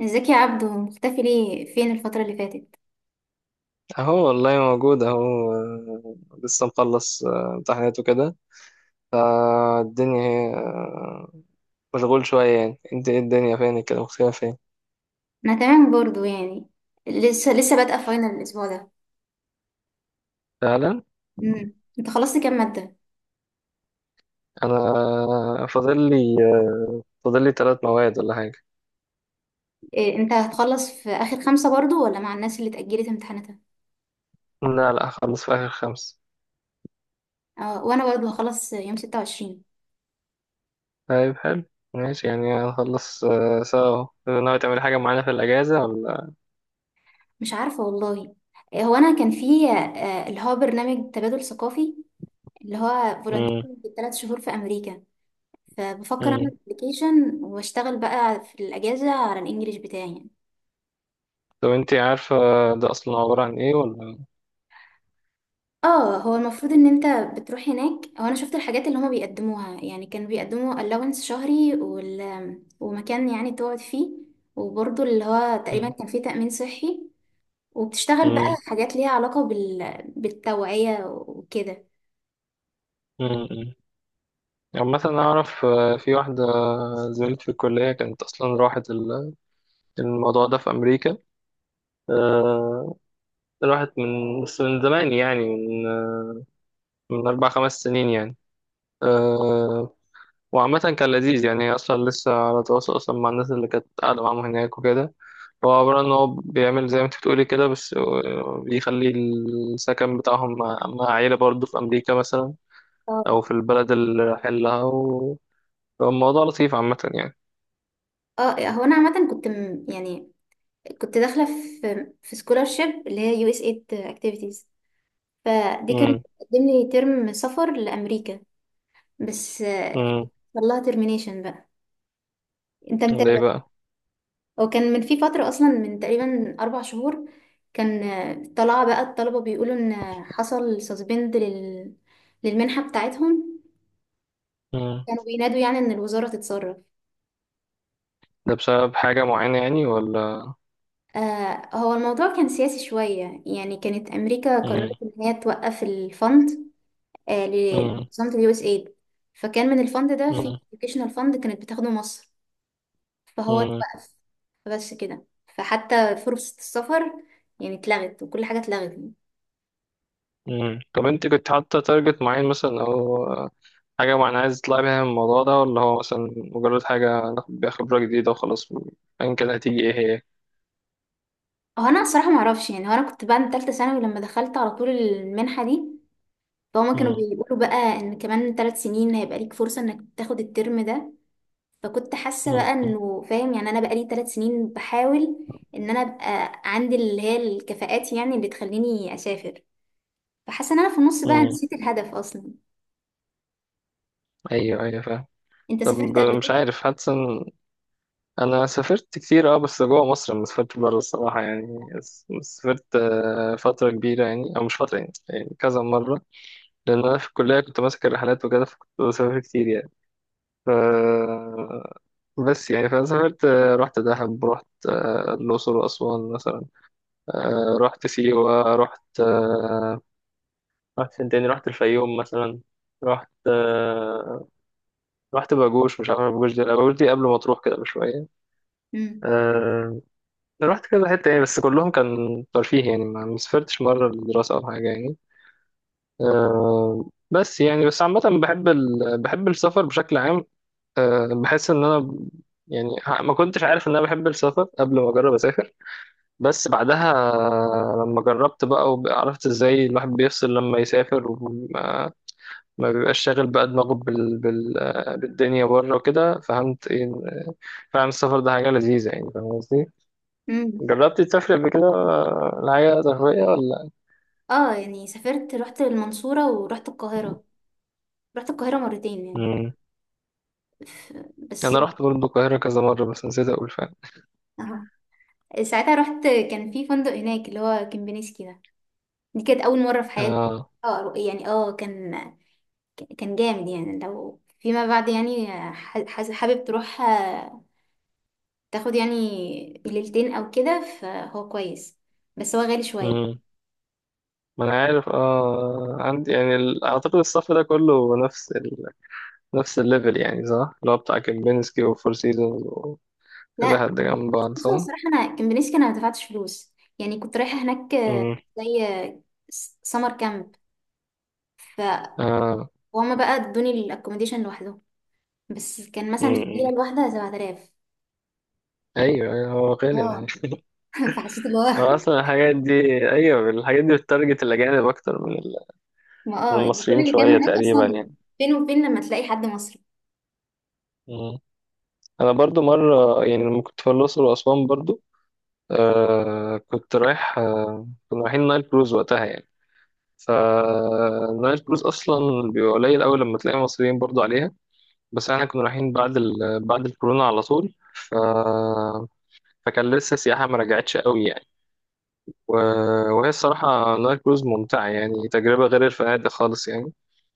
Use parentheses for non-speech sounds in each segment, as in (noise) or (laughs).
ازيك يا عبدو، مختفي ليه؟ فين الفترة اللي فاتت؟ اهو والله موجود اهو لسه مخلص امتحانات وكده فالدنيا هي مشغول شوية يعني انت ايه الدنيا فين كده مختفية فين. انا تمام برضو يعني. لسه بادئة فاينل الاسبوع ده. فعلا. امم انت خلصت كام مادة؟ انا آه، فاضل لي آه، فاضل لي ثلاث مواد ولا حاجة. إيه، انت هتخلص في اخر خمسة برضو، ولا مع الناس اللي اتأجلت امتحاناتها؟ لا هخلص في اخر خمس. اه، وانا برضو هخلص يوم 26. طيب حلو، ماشي يعني هنخلص سوا، ناوي تعملي حاجة معانا في الأجازة ولا؟ مش عارفة والله. إيه، هو انا كان في اللي هو برنامج تبادل ثقافي، اللي هو فولنتير مم. بالثلاث شهور في امريكا. فبفكر مم. اعمل ابلكيشن واشتغل بقى في الاجازة على الانجليش بتاعي يعني. طب انت عارفة ده أصلا عبارة عن ايه ولا؟ اه، هو المفروض ان انت بتروح هناك. هو انا شفت الحاجات اللي هما بيقدموها يعني. كانوا بيقدموا allowance شهري ومكان يعني تقعد فيه، وبرضه اللي هو تقريبا مم. كان فيه تأمين صحي. وبتشتغل بقى مم. حاجات ليها علاقة بالتوعية وكده. مم. عامة أنا أعرف في واحدة زميلتي في الكلية كانت أصلا راحت الموضوع ده في أمريكا، آه، راحت من، بس من زمان يعني من من أربع خمس سنين يعني، آه، وعامة كان لذيذ، يعني هي أصلا لسه على تواصل أصلا مع الناس اللي كانت قاعدة معاهم هناك وكده. هو عبارة إن هو بيعمل زي ما أنت بتقولي كده، بس بيخلي السكن بتاعهم مع عيلة برضه في أمريكا مثلا، اه، أو في البلد اللي رايحين لها فالموضوع لطيف عامة يعني. اه، هو انا عامة كنت يعني كنت داخلة في scholarship اللي هي USAID activities. فدي كانت مم. بتقدم لي ترم سفر لأمريكا، بس مم. حصل لها termination بقى. انت ليه متابع؟ بقى؟ وكان من في فترة أصلا من تقريبا 4 شهور. كان طلع بقى الطلبة بيقولوا إن حصل سسبند للمنحة بتاعتهم. مم. كانوا بينادوا يعني إن الوزارة تتصرف. ده بسبب حاجة معينة يعني ولا؟ آه، هو الموضوع كان سياسي شوية يعني. كانت أمريكا قررت مم. إن هي توقف الفند آه مم. لمنظمة اليو اس ايد. فكان من الفند ده في مم. educational فند كانت بتاخده مصر. فهو مم. اتوقف، بس كده. فحتى فرصة السفر يعني اتلغت، وكل حاجة اتلغت. مم. طب انت كنت حاطة تارجت معين مثلا او حاجة معينة عايز تطلعي بيها من الموضوع ده، ولا هو مثلا مجرد حاجة ناخد بيها خبرة جديدة وخلاص ايا كان هتيجي ايه هي؟ هو انا الصراحه ما اعرفش يعني. هو انا كنت بعد ثالثه ثانوي لما دخلت على طول المنحه دي. فهم كانوا مم. بيقولوا بقى ان كمان 3 سنين هيبقى ليك فرصه انك تاخد الترم ده. فكنت حاسه بقى مم. انه فاهم، يعني انا بقى لي 3 سنين بحاول ان انا ابقى عندي اللي هي الكفاءات يعني اللي تخليني اسافر. فحاسه ان انا في النص بقى مم. نسيت الهدف اصلا. ايوه ايوه، فاهم. انت طب سافرت قبل مش كده؟ عارف، حاسس ان انا سافرت كتير اه، بس جوه مصر، ما سافرت بره الصراحة يعني، سافرت فترة كبيرة يعني، او مش فترة يعني، يعني كذا مرة، لأن أنا في الكلية كنت ماسك الرحلات وكده فكنت بسافر كتير يعني. ف بس يعني فأنا سافرت، رحت دهب، رحت الأقصر وأسوان مثلا، رحت سيوة، رحت رحت فين تاني، رحت الفيوم مثلا، رحت رحت باجوش، مش عارف باجوش دي، لا، باجوش دي قبل ما تروح كده بشوية. امم آه، رحت كذا حتة يعني، بس كلهم كان ترفيه يعني، ما سافرتش مرة للدراسة أو حاجة يعني. بس يعني بس عامة بحب بحب السفر بشكل عام. أه بحس ان انا يعني ما كنتش عارف ان انا بحب السفر قبل ما اجرب اسافر، بس بعدها لما جربت بقى وعرفت ازاي الواحد بيفصل لما يسافر وما ما بيبقاش شاغل بقى دماغه بالدنيا بره وكده، فهمت ايه إن- فعلا السفر ده حاجة لذيذة يعني، فاهم قصدي؟ امم جربتي تسافري قبل كده لحاجة ترفيهية ولا؟ اه يعني سافرت، رحت المنصوره ورحت القاهره. رحت القاهره مرتين يعني. مم. ف- بس انا رحت برضه القاهرة كذا مرة بس نسيت اقول فعلا. آه. ساعتها رحت كان في فندق هناك اللي هو كمبينيسكي ده. دي كانت اول مره في حياتي. اه. اه، يعني اه، كان جامد يعني. لو فيما بعد يعني حابب تروح تاخد يعني ليلتين او كده فهو كويس. بس هو غالي شويه. مم. ما انا عارف اه، عندي يعني اعتقد الصف ده كله نفس نفس الليفل يعني، صح؟ اللي هو بتاع كيمبينسكي وفور سيزونز وكذا، لا، حد جنب بس بعض، بصوا صح؟ الصراحه انا كمبينيسكي انا ما دفعتش فلوس. يعني كنت رايحه هناك امم. زي سمر كامب. فهم اه. بقى ادوني الاكوموديشن لوحده. بس كان مثلا في الليله امم. الواحده 7000. ايوه، هو غالي يعني. اه. (laughs) فحسيت اللي هو هو اصلا الحاجات دي، ايوه الحاجات دي بتتارجت الاجانب اكتر من ما من اه يعني. كل المصريين اللي كانوا شويه هناك تقريبا اصلا، يعني. فين وفين لما تلاقي حد مصري. مم. انا برضو مره يعني لما كنت في الاقصر واسوان برضو، كنت رايح آه كنا رايحين نايل كروز وقتها يعني، فنايل كروز اصلا بيبقى قليل قوي لما تلاقي مصريين برضو عليها، بس احنا كنا رايحين بعد بعد الكورونا على طول فكان لسه السياحه ما رجعتش قوي يعني و... وهي الصراحه نايل كروز ممتعه يعني، تجربه غير الفنادق خالص يعني.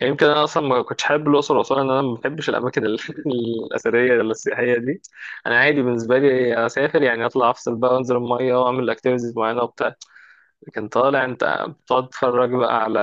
يعني يمكن انا اصلا ما كنتش حابب الاقصر واسوان لان انا ما بحبش الاماكن (laughs) الاثريه ولا السياحيه دي. انا عادي بالنسبه لي اسافر يعني اطلع افصل بقى وانزل الميه واعمل اكتيفيتيز معينه وبتاع، لكن طالع انت بتقعد تتفرج بقى على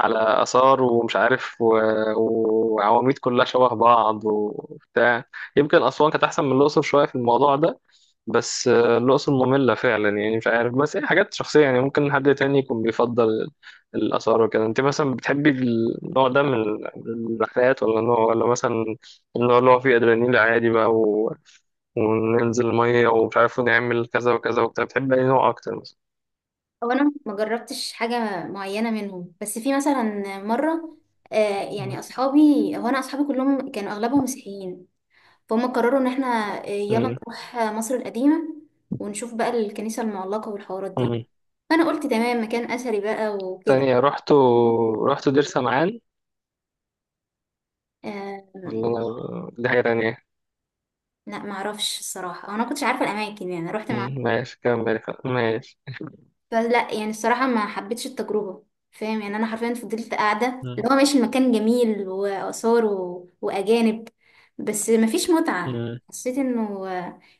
آثار ومش عارف وعواميد كلها شبه بعض وبتاع. يمكن أسوان كانت أحسن من الأقصر شوية في الموضوع ده، بس الأقصر مملة فعلا يعني، مش عارف، بس هي حاجات شخصية يعني، ممكن حد تاني يكون بيفضل الآثار وكده. أنت مثلا بتحبي النوع ده من الرحلات، ولا نوع، ولا مثلا النوع اللي هو فيه أدرينالين عادي بقى وننزل مية ومش عارف نعمل كذا وكذا وبتاع، بتحبي أي نوع أكتر مثلا؟ او انا ما جربتش حاجه معينه منهم، بس في مثلا مره، آه يعني مم. اصحابي. هو انا اصحابي كلهم كانوا اغلبهم مسيحيين. فهم قرروا ان احنا يلا مم. نروح مصر القديمه ونشوف بقى الكنيسه المعلقه والحوارات دي. مم. فانا قلت تمام، مكان اثري بقى وكده. تانية رحت، رحت دير سمعان آه. والله، دي حاجة تانية. لا ما اعرفش الصراحه، أو انا ما كنتش عارفه الاماكن يعني، رحت مع. ماشي كمل، ماشي. فلا يعني الصراحة ما حبيتش التجربة. فاهم يعني، أنا حرفيا فضلت قاعدة مم، اللي هو ماشي. المكان جميل وآثار وأجانب، بس مفيش متعة. مم، حسيت إنه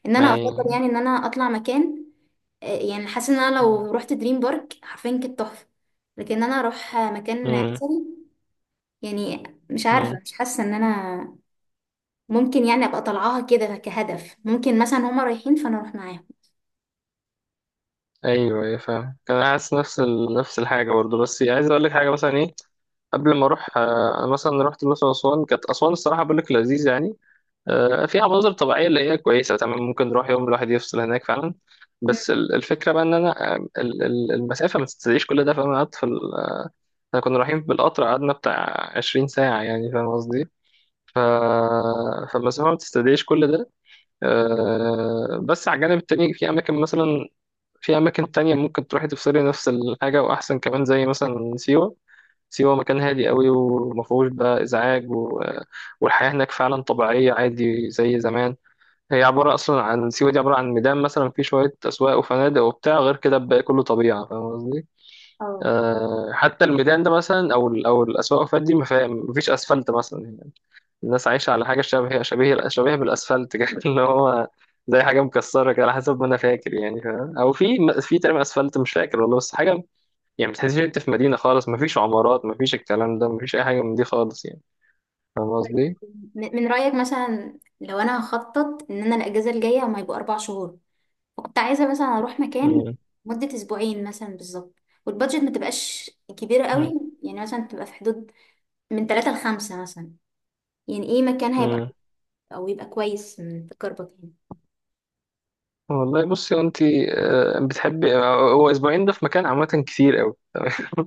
إن أنا أفضل أي. يعني إن أنا أطلع مكان، يعني حاسة إن أنا لو رحت دريم بارك حرفيا كانت تحفة. لكن أنا أروح مكان مم، أثري يعني، مش عارفة. مم. مش حاسة إن أنا ممكن يعني أبقى طالعاها كده كهدف. ممكن مثلا هما رايحين فأنا أروح معاهم. أيوه أيوه فاهم، كان حاسس نفس نفس الحاجة برضه، بس عايز أقول لك حاجة مثلا. إيه قبل ما أروح أنا مثلا رحت الأقصر وأسوان، كانت أسوان الصراحة بقول لك لذيذ يعني، فيها مناظر طبيعية اللي هي كويسة تمام، ممكن نروح يوم الواحد يفصل هناك فعلا، مم. بس الفكرة بقى إن أنا المسافة ما تستدعيش كل ده، فأنا قعدت في إحنا كنا رايحين بالقطر قعدنا بتاع 20 ساعة يعني، فاهم قصدي؟ ف... فالمسافة ما بتستدعيش كل ده. بس على الجانب التاني في أماكن مثلا، في أماكن تانية ممكن تروحي تفصلي نفس الحاجة وأحسن كمان، زي مثلا سيوة. سيوة مكان هادي قوي ومفهوش بقى إزعاج والحياة هناك فعلا طبيعية عادي زي زمان. هي عبارة أصلا عن، سيوة دي عبارة عن ميدان مثلا فيه شوية أسواق وفنادق وبتاع، غير كده الباقي كله طبيعة، فاهم قصدي؟ اه، حتى الميدان ده مثلا أو الأسواق والفنادق دي ما فيها- مفيش أسفلت مثلا، الناس عايشة على حاجة شبه، شبيه بالأسفلت كده (laughs) اللي هو زي حاجة مكسرة كده على حسب ما أنا فاكر يعني، فاهم؟ أو في تقريبا أسفلت، مش فاكر والله، بس حاجة يعني ما تحسش أنت في مدينة خالص، ما فيش عمارات، ما فيش الكلام ده، ما فيش أي حاجة من دي خالص يعني، فاهم قصدي؟ من رأيك مثلا لو أنا هخطط إن أنا الأجازة الجاية هما يبقوا 4 شهور، فكنت عايزة مثلا أروح مكان مم. مدة أسبوعين مثلا بالظبط، والبادجت ما تبقاش كبيرة مم. قوي يعني، مثلا تبقى في حدود من ثلاثة لخمسة مثلا. يعني إيه مكان هيبقى مم. أو يبقى كويس من تجربتك يعني؟ والله بصي أنت، بتحبي، هو أسبوعين ده في مكان عامة كتير أوي (laughs)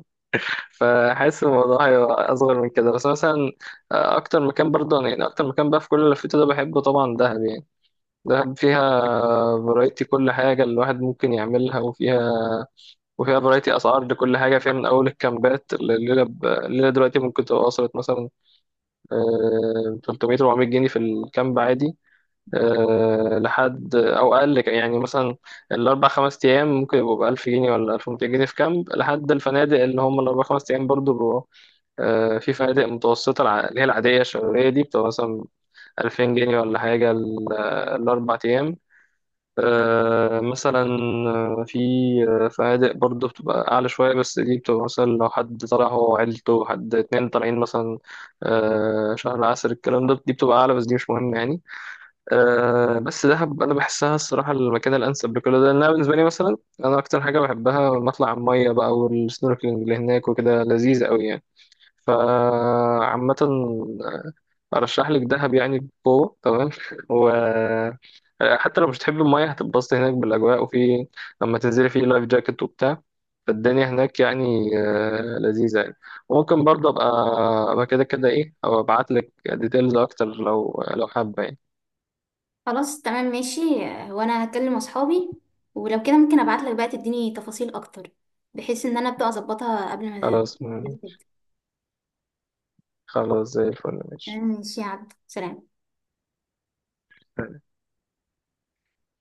فحاسس الموضوع هيبقى أصغر من كده، بس مثلا أكتر مكان برضه يعني، أكتر مكان بقى في كل اللي لفيته ده بحبه طبعا دهب يعني. دهب فيها فرايتي كل حاجة الواحد ممكن يعملها، وفيها فرايتي أسعار لكل حاجة فيها، من أول الكامبات الليلة الليلة دلوقتي ممكن تبقى وصلت مثلا 300 400 جنيه في الكامب عادي، لحد أو أقل، يعني مثلا الأربع خمس أيام ممكن يبقوا بألف جنيه ولا 1200 جنيه في كامب، لحد الفنادق اللي هم الأربع خمس أيام برضو بيبقوا في فنادق متوسطة اللي هي العادية الشهرية دي بتبقى مثلا 2000 جنيه ولا حاجة الأربع أيام، آه، مثلا آه، في آه، فنادق برضه بتبقى أعلى شوية، بس دي بتبقى مثلا لو حد طالع هو وعيلته، حد اتنين طالعين مثلا شهر عسل الكلام ده، دي بتبقى أعلى، بس دي مش مهم يعني. بس دهب أنا بحسها الصراحة المكان الأنسب لكل ده، لأنها بالنسبة لي مثلا، أنا أكتر حاجة بحبها لما أطلع على المية بقى والسنوركلينج اللي هناك وكده لذيذ أوي يعني. فعامة أرشح لك دهب يعني بقوة تمام (laughs) حتى لو مش تحب المية هتتبسط هناك بالأجواء، وفي لما تنزلي في لايف جاكيت وبتاع، فالدنيا هناك يعني لذيذة يعني. وممكن برضه أبقى، أبقى كده كده إيه، أو أبعت لك ديتيلز أكتر لو حابة يعني. خلاص تمام ماشي. هو أنا هكلم أصحابي، ولو كده ممكن أبعتلك بقى تديني تفاصيل أكتر، بحيث إن أنا أبدأ أظبطها قبل ما خلاص، الأجازة تبدأ. زي الفل ماشي. ماشي يا عبد سلام.